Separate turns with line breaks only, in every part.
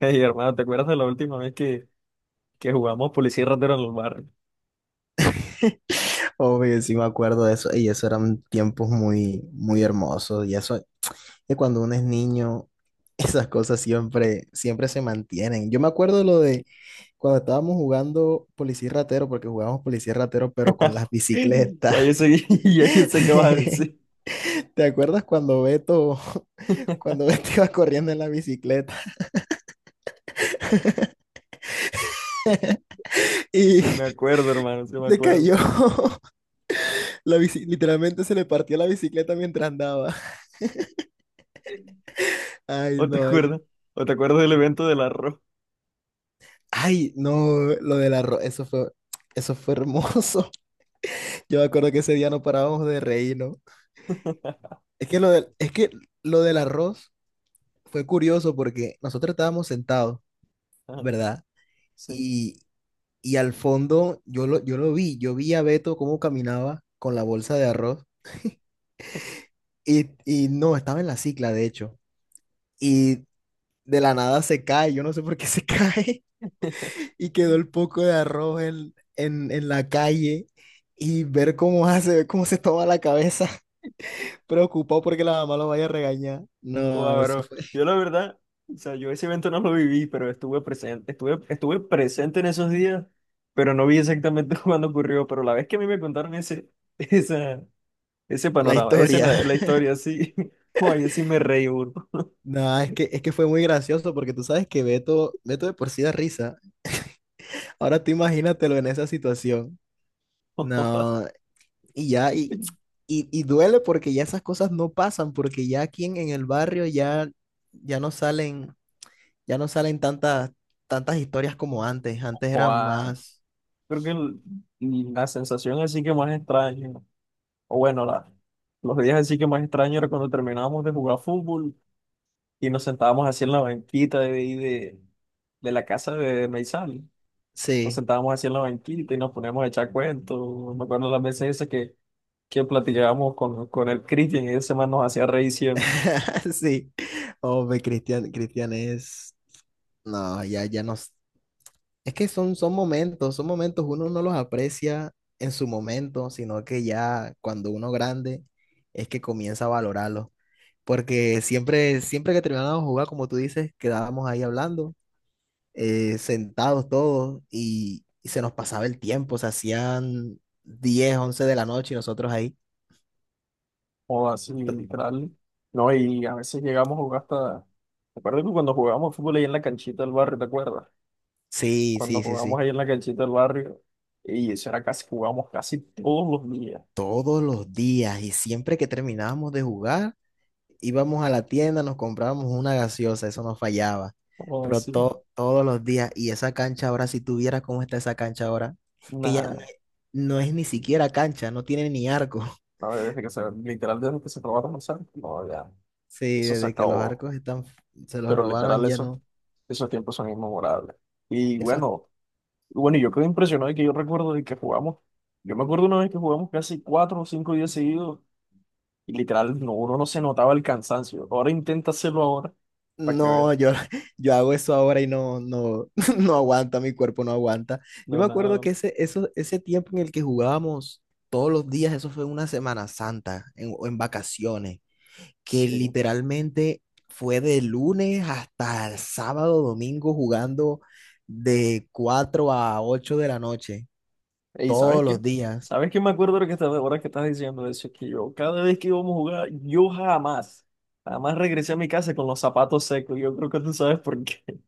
Hey, hermano, ¿te acuerdas de la última vez que jugamos policía y ratero en los barrios?
Obvio, sí me acuerdo de eso, y eso eran tiempos muy, muy hermosos, y eso, que cuando uno es niño, esas cosas siempre, siempre se mantienen. Yo me acuerdo de lo de cuando estábamos jugando policía y ratero, porque jugábamos policía y ratero, pero con las bicicletas.
Ya yo sé, ya yo sé qué vas a decir.
¿Te acuerdas cuando Beto, cuando Beto iba corriendo en la bicicleta
Sí me
y
acuerdo, hermano, sí me
se
acuerdo.
cayó? Literalmente se le partió la bicicleta mientras andaba. Ay,
¿O te
no, ay.
acuerdas? ¿O te acuerdas del evento del arroz?
Ay, no, lo del arroz, eso fue hermoso. Yo me acuerdo que ese día no parábamos de reírnos. Es que lo del arroz fue curioso porque nosotros estábamos sentados, ¿verdad?
Sí.
Y, y al fondo yo lo vi, yo vi a Beto cómo caminaba con la bolsa de arroz y no, estaba en la cicla, de hecho. Y de la nada se cae, yo no sé por qué se cae. Y quedó el poco de arroz en la calle y ver cómo hace, ver cómo se toma la cabeza, preocupado porque la mamá lo vaya a regañar. No,
Wow,
eso
bro.
fue
Yo la verdad, o sea, yo ese evento no lo viví, pero estuve presente en esos días, pero no vi exactamente cuándo ocurrió. Pero la vez que a mí me contaron ese, esa, ese
la
panorama, esa
historia.
la, la historia así, guay, así me reí, bro.
No, es que fue muy gracioso porque tú sabes que Beto, Beto de por sí da risa. Ahora tú imagínatelo en esa situación. No, y ya, y duele porque ya esas cosas no pasan, porque ya aquí en el barrio ya, ya no salen, ya no salen, tantas, tantas historias como antes. Antes eran
Joa,
más.
creo que la sensación así que más extraña, o bueno, la, los días así que más extraño era cuando terminábamos de jugar fútbol y nos sentábamos así en la banquita de la casa de Meizal. Nos
Sí,
sentábamos así en la banquita y nos poníamos a echar cuentos. Me acuerdo las veces esas que platicábamos con el Cristian, y ese man nos hacía reír siempre,
sí. Hombre, Cristian, Cristian es. No, ya, ya no. Es que son momentos, son momentos, uno no los aprecia en su momento, sino que ya cuando uno grande es que comienza a valorarlo. Porque siempre, siempre que terminábamos de jugar, como tú dices, quedábamos ahí hablando, sentados todos, y se nos pasaba el tiempo, se hacían 10, 11 de la noche y nosotros ahí.
o así, literal. No, y a veces llegamos a jugar hasta. Me acuerdo que cuando jugábamos fútbol ahí en la canchita del barrio, ¿te acuerdas?
Sí,
Cuando
sí, sí,
jugamos
sí.
ahí en la canchita del barrio, y eso era casi, jugamos casi todos los días.
Todos los días y siempre que terminábamos de jugar, íbamos a la tienda, nos comprábamos una gaseosa, eso no fallaba,
Como
pero
así?
todos los días y esa cancha ahora, si tuviera cómo está esa cancha ahora, que ya no,
Nada,
es no es ni siquiera cancha, no tiene ni arco.
no, desde que se, literal, desde que se probó a almorzar, no, ya,
Sí,
eso se
desde que los
acabó.
arcos están, se los
Pero literal,
robaron ya
eso,
no.
esos tiempos son inmemorables. Y
Esos.
bueno, y yo quedé impresionado de que yo recuerdo de que jugamos, yo me acuerdo una vez que jugamos casi cuatro o cinco días seguidos, y literal, no, uno no se notaba el cansancio. Ahora intenta hacerlo ahora, para que
No,
vean.
yo, yo hago eso ahora y no, no, no aguanta, mi cuerpo no aguanta. Yo
No,
me acuerdo
nada,
que ese tiempo en el que jugábamos todos los días, eso fue una Semana Santa o en vacaciones, que
sí.
literalmente fue de lunes hasta el sábado, domingo jugando de 4 a 8 de la noche,
Y ¿sabes
todos los
qué?
días.
¿Sabes qué me acuerdo de lo que estás, ahora que estás diciendo eso? Que yo, cada vez que íbamos a jugar, yo jamás, jamás regresé a mi casa con los zapatos secos. Yo creo que tú sabes por qué.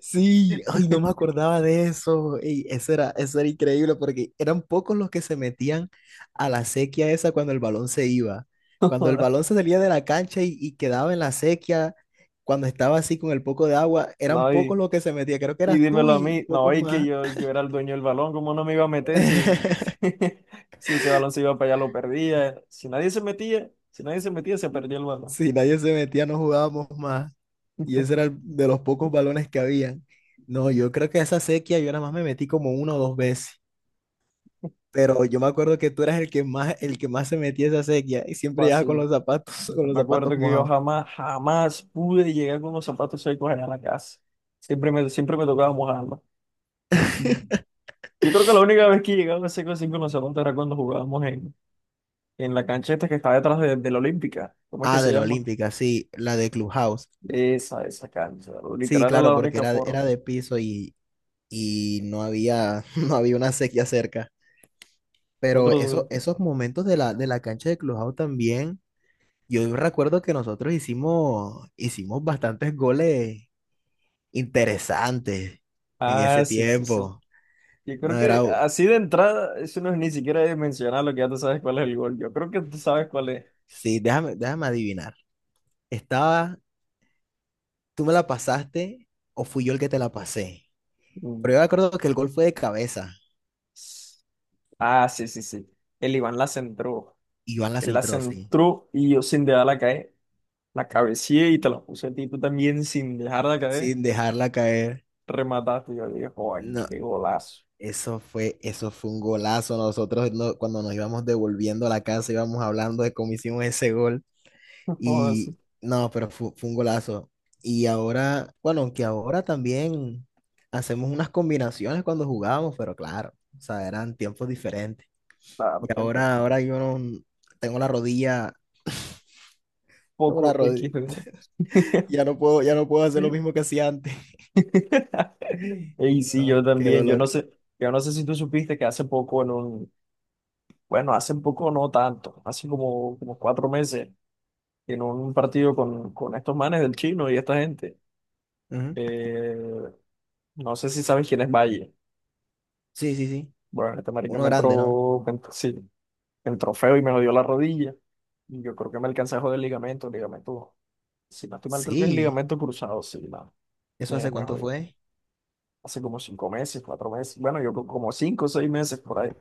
Sí, ay, no me acordaba de eso. Ey, eso era increíble porque eran pocos los que se metían a la sequía esa cuando el balón se iba. Cuando el balón se salía de la cancha y quedaba en la sequía, cuando estaba así con el poco de agua, eran
No,
pocos los que se metían. Creo que
y
eras tú
dímelo a
y
mí. No,
pocos
y que
más.
yo era el dueño del balón. ¿Cómo no me iba a meter si si ese balón se iba para allá, lo perdía? Si nadie se metía, si nadie se metía, se perdía el balón.
Si nadie se metía, no jugábamos más. Y ese era de los pocos balones que habían. No, yo creo que esa sequía yo nada más me metí como una o dos veces. Pero yo me acuerdo que tú eras el que más se metía a esa sequía y
Fue
siempre llegaba con
así.
los zapatos, con los
Me acuerdo
zapatos
que yo
mojados.
jamás, jamás pude llegar con los zapatos secos allá a la casa. Siempre me tocaba mojarlos. Mm. Yo creo que la única vez que llegaba seco así con los zapatos era cuando jugábamos en la cancha esta que está detrás de la Olímpica. ¿Cómo es que
Ah,
se
de la
llama?
Olímpica, sí, la de Clubhouse.
Esa cancha.
Sí,
Literal era
claro,
la
porque
única
era,
forma.
era de piso y no había, no había una sequía cerca. Pero eso,
Otro...
esos momentos de la cancha de Clubhouse también, yo recuerdo que nosotros hicimos bastantes goles interesantes en
Ah,
ese
sí, sí, sí.
tiempo.
Yo creo
No
que
era,
así de entrada, eso no es ni siquiera de mencionar, lo que ya tú sabes cuál es el gol. Yo creo que tú sabes cuál es.
sí, déjame adivinar. Estaba. ¿Tú me la pasaste o fui yo el que te la pasé? Pero
Mm.
yo me acuerdo que el gol fue de cabeza
Ah, sí, sí, sí. El Iván la centró.
y Iván la
Él la
centró, sí,
centró y yo, sin dejarla caer, la cabeceé y te la puse a ti, tú también, sin dejarla caer,
sin dejarla caer.
remataste. Yo dije, joder,
No,
qué golazo.
eso fue un golazo. Nosotros cuando nos íbamos devolviendo a la casa íbamos hablando de cómo hicimos ese gol
Joder,
y
sí,
no, pero fue, un golazo. Y ahora, bueno, aunque ahora también hacemos unas combinaciones cuando jugábamos, pero claro, o sea, eran tiempos diferentes. Y
claro, tiempo.
ahora, ahora yo tengo la rodilla... Tengo la,
Poco
rodilla.
XD.
Ya no puedo hacer lo mismo que hacía antes.
Y sí,
No,
yo
qué
también,
dolor.
yo no sé si tú supiste que hace poco en un, bueno, hace poco no tanto, hace como, como cuatro meses, en un partido con estos manes del chino y esta gente,
Ujú.
eh, no sé si sabes quién es Valle.
Sí, sí, sí.
Bueno, este marica
Uno
me
grande, ¿no?
entró, sí, me entró feo y me lo dio la rodilla. Y yo creo que me alcancé a joder el ligamento, el ligamento. Si no estoy mal, creo que es el
Sí.
ligamento cruzado, sí, no.
¿Eso
Me,
hace
me
cuánto
jodí.
fue?
Hace como cinco meses, cuatro meses. Bueno, yo creo como cinco o seis meses por ahí.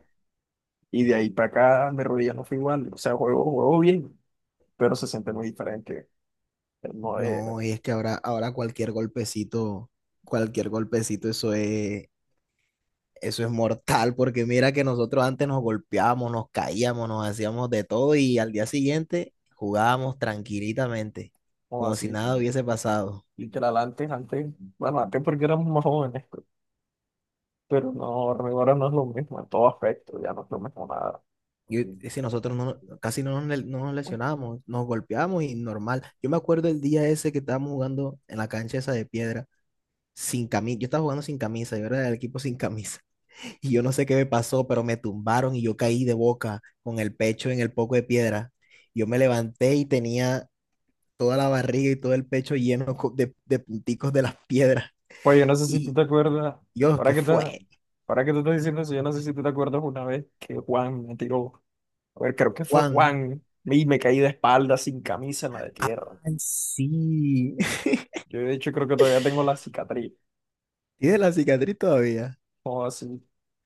Y de ahí para acá, mi rodilla no fue igual. O sea, juego, juego bien, pero se siente muy diferente. No es
No, y es que ahora, cualquier golpecito, eso es mortal, porque mira que nosotros antes nos golpeábamos, nos caíamos, nos hacíamos de todo y al día siguiente jugábamos tranquilitamente,
no
como si
así.
nada hubiese pasado.
Literal, antes, antes, bueno, antes porque éramos más jóvenes, pero no, ahora no es lo mismo en todo aspecto, ya no es lo mismo nada.
Y si nosotros no, casi no nos, no nos lesionamos, nos golpeamos y normal. Yo me acuerdo el día ese que estábamos jugando en la cancha esa de piedra, sin camisa. Yo estaba jugando sin camisa, yo era del equipo sin camisa. Y yo no sé qué me pasó, pero me tumbaron y yo caí de boca con el pecho en el poco de piedra. Yo me levanté y tenía toda la barriga y todo el pecho lleno de punticos de las piedras.
Oye, yo no sé si tú
Y
te acuerdas,
yo, ¿qué fue?
ahora que te estoy diciendo eso, yo no sé si tú te acuerdas una vez que Juan me tiró, a ver, creo que fue
Juan.
Juan, y me caí de espalda sin camisa en la de tierra.
Ay, sí.
Yo de hecho creo que todavía tengo la cicatriz,
¿Tienes la cicatriz todavía?
o así,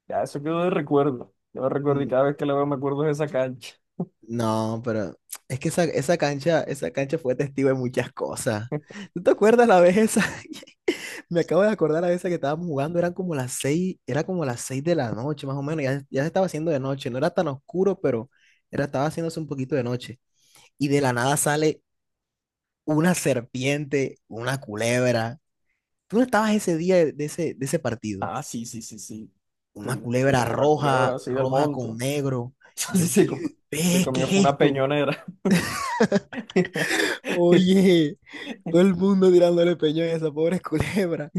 ya eso quedó de recuerdo, yo me recuerdo y
Mm.
cada vez que la veo me acuerdo de esa cancha.
No, pero es que esa cancha fue testigo de muchas cosas. ¿Tú te acuerdas la vez esa? Me acabo de acordar la vez esa que estábamos jugando, era como las seis de la noche, más o menos, ya se estaba haciendo de noche, no era tan oscuro, pero estaba haciéndose un poquito de noche. Y de la nada sale una serpiente, una culebra. ¿Tú no estabas ese día de ese partido?
Ah, sí, sí, sí, sí,
Una
sí, que
culebra
salió la culebra
roja,
así del
roja
monte,
con negro. Y
así
yo,
se
digo:
comió, se
"Ve, ¿qué
comió,
es
fue una
esto?
peñonera,
Oye, todo el mundo tirándole peñón a esa pobre culebra.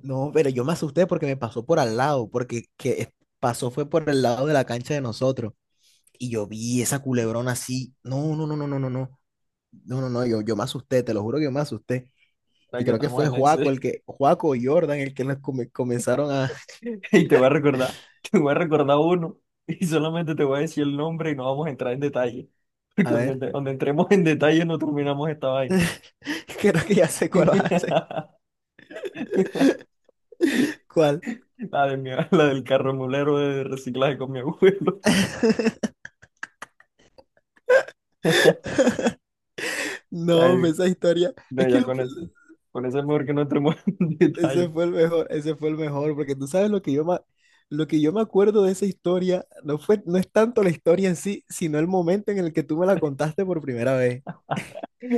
No, pero yo me asusté porque me pasó por al lado, porque pasó fue por el lado de la cancha de nosotros. Y yo vi esa culebrona así. No, no, no, no, no, no, no. No, no, no, yo me asusté, te lo juro que yo me asusté. Y
ahora que
creo que
estamos
fue
en ese.
Juaco y Jordan el que nos comenzaron a,
Y te voy a recordar, te voy a recordar uno, y solamente te voy a decir el nombre y no vamos a entrar en detalle. Porque
a
donde,
ver.
donde entremos en detalle no terminamos esta vaina.
Creo que ya sé cuál va a ser. ¿Cuál?
La de la del carro mulero de reciclaje con mi abuelo.
No, pues,
Ay,
esa historia. Es
no,
que
ya
lo.
con eso. Con eso es mejor que no entremos en
Ese
detalle.
fue el mejor, ese fue el mejor, porque tú sabes lo que yo me acuerdo de esa historia, no fue, no es tanto la historia en sí, sino el momento en el que tú me la contaste por primera vez.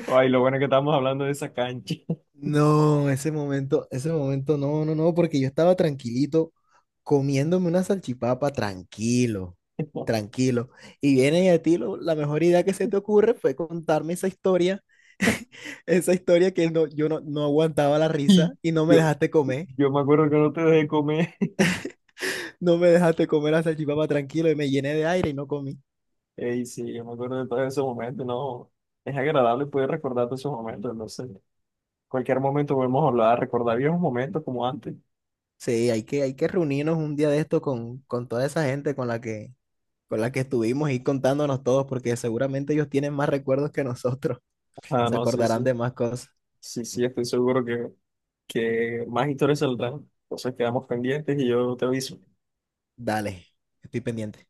Ay, lo bueno es que estamos hablando de esa cancha.
No, ese momento, no, no, no, porque yo estaba tranquilito comiéndome una salchipapa, tranquilo, tranquilo. Y viene y a ti la mejor idea que se te ocurre fue contarme esa historia que no, yo no aguantaba la risa
Y
y no me
yo,
dejaste comer.
yo me acuerdo que no te dejé comer.
No me dejaste comer la salchipapa tranquilo y me llené de aire y no comí.
Ey, sí, yo me acuerdo de todos esos momentos, no. Es agradable poder recordar todos esos momentos, no sé. Cualquier momento podemos hablar, recordar viejos momentos como antes.
Sí, hay que reunirnos un día de esto con toda esa gente con la que estuvimos y contándonos todos, porque seguramente ellos tienen más recuerdos que nosotros.
Ah,
Se
no, sí,
acordarán
sí.
de más cosas.
Sí, sí, estoy seguro que más historias saldrán. Entonces quedamos pendientes y yo te aviso.
Dale, estoy pendiente.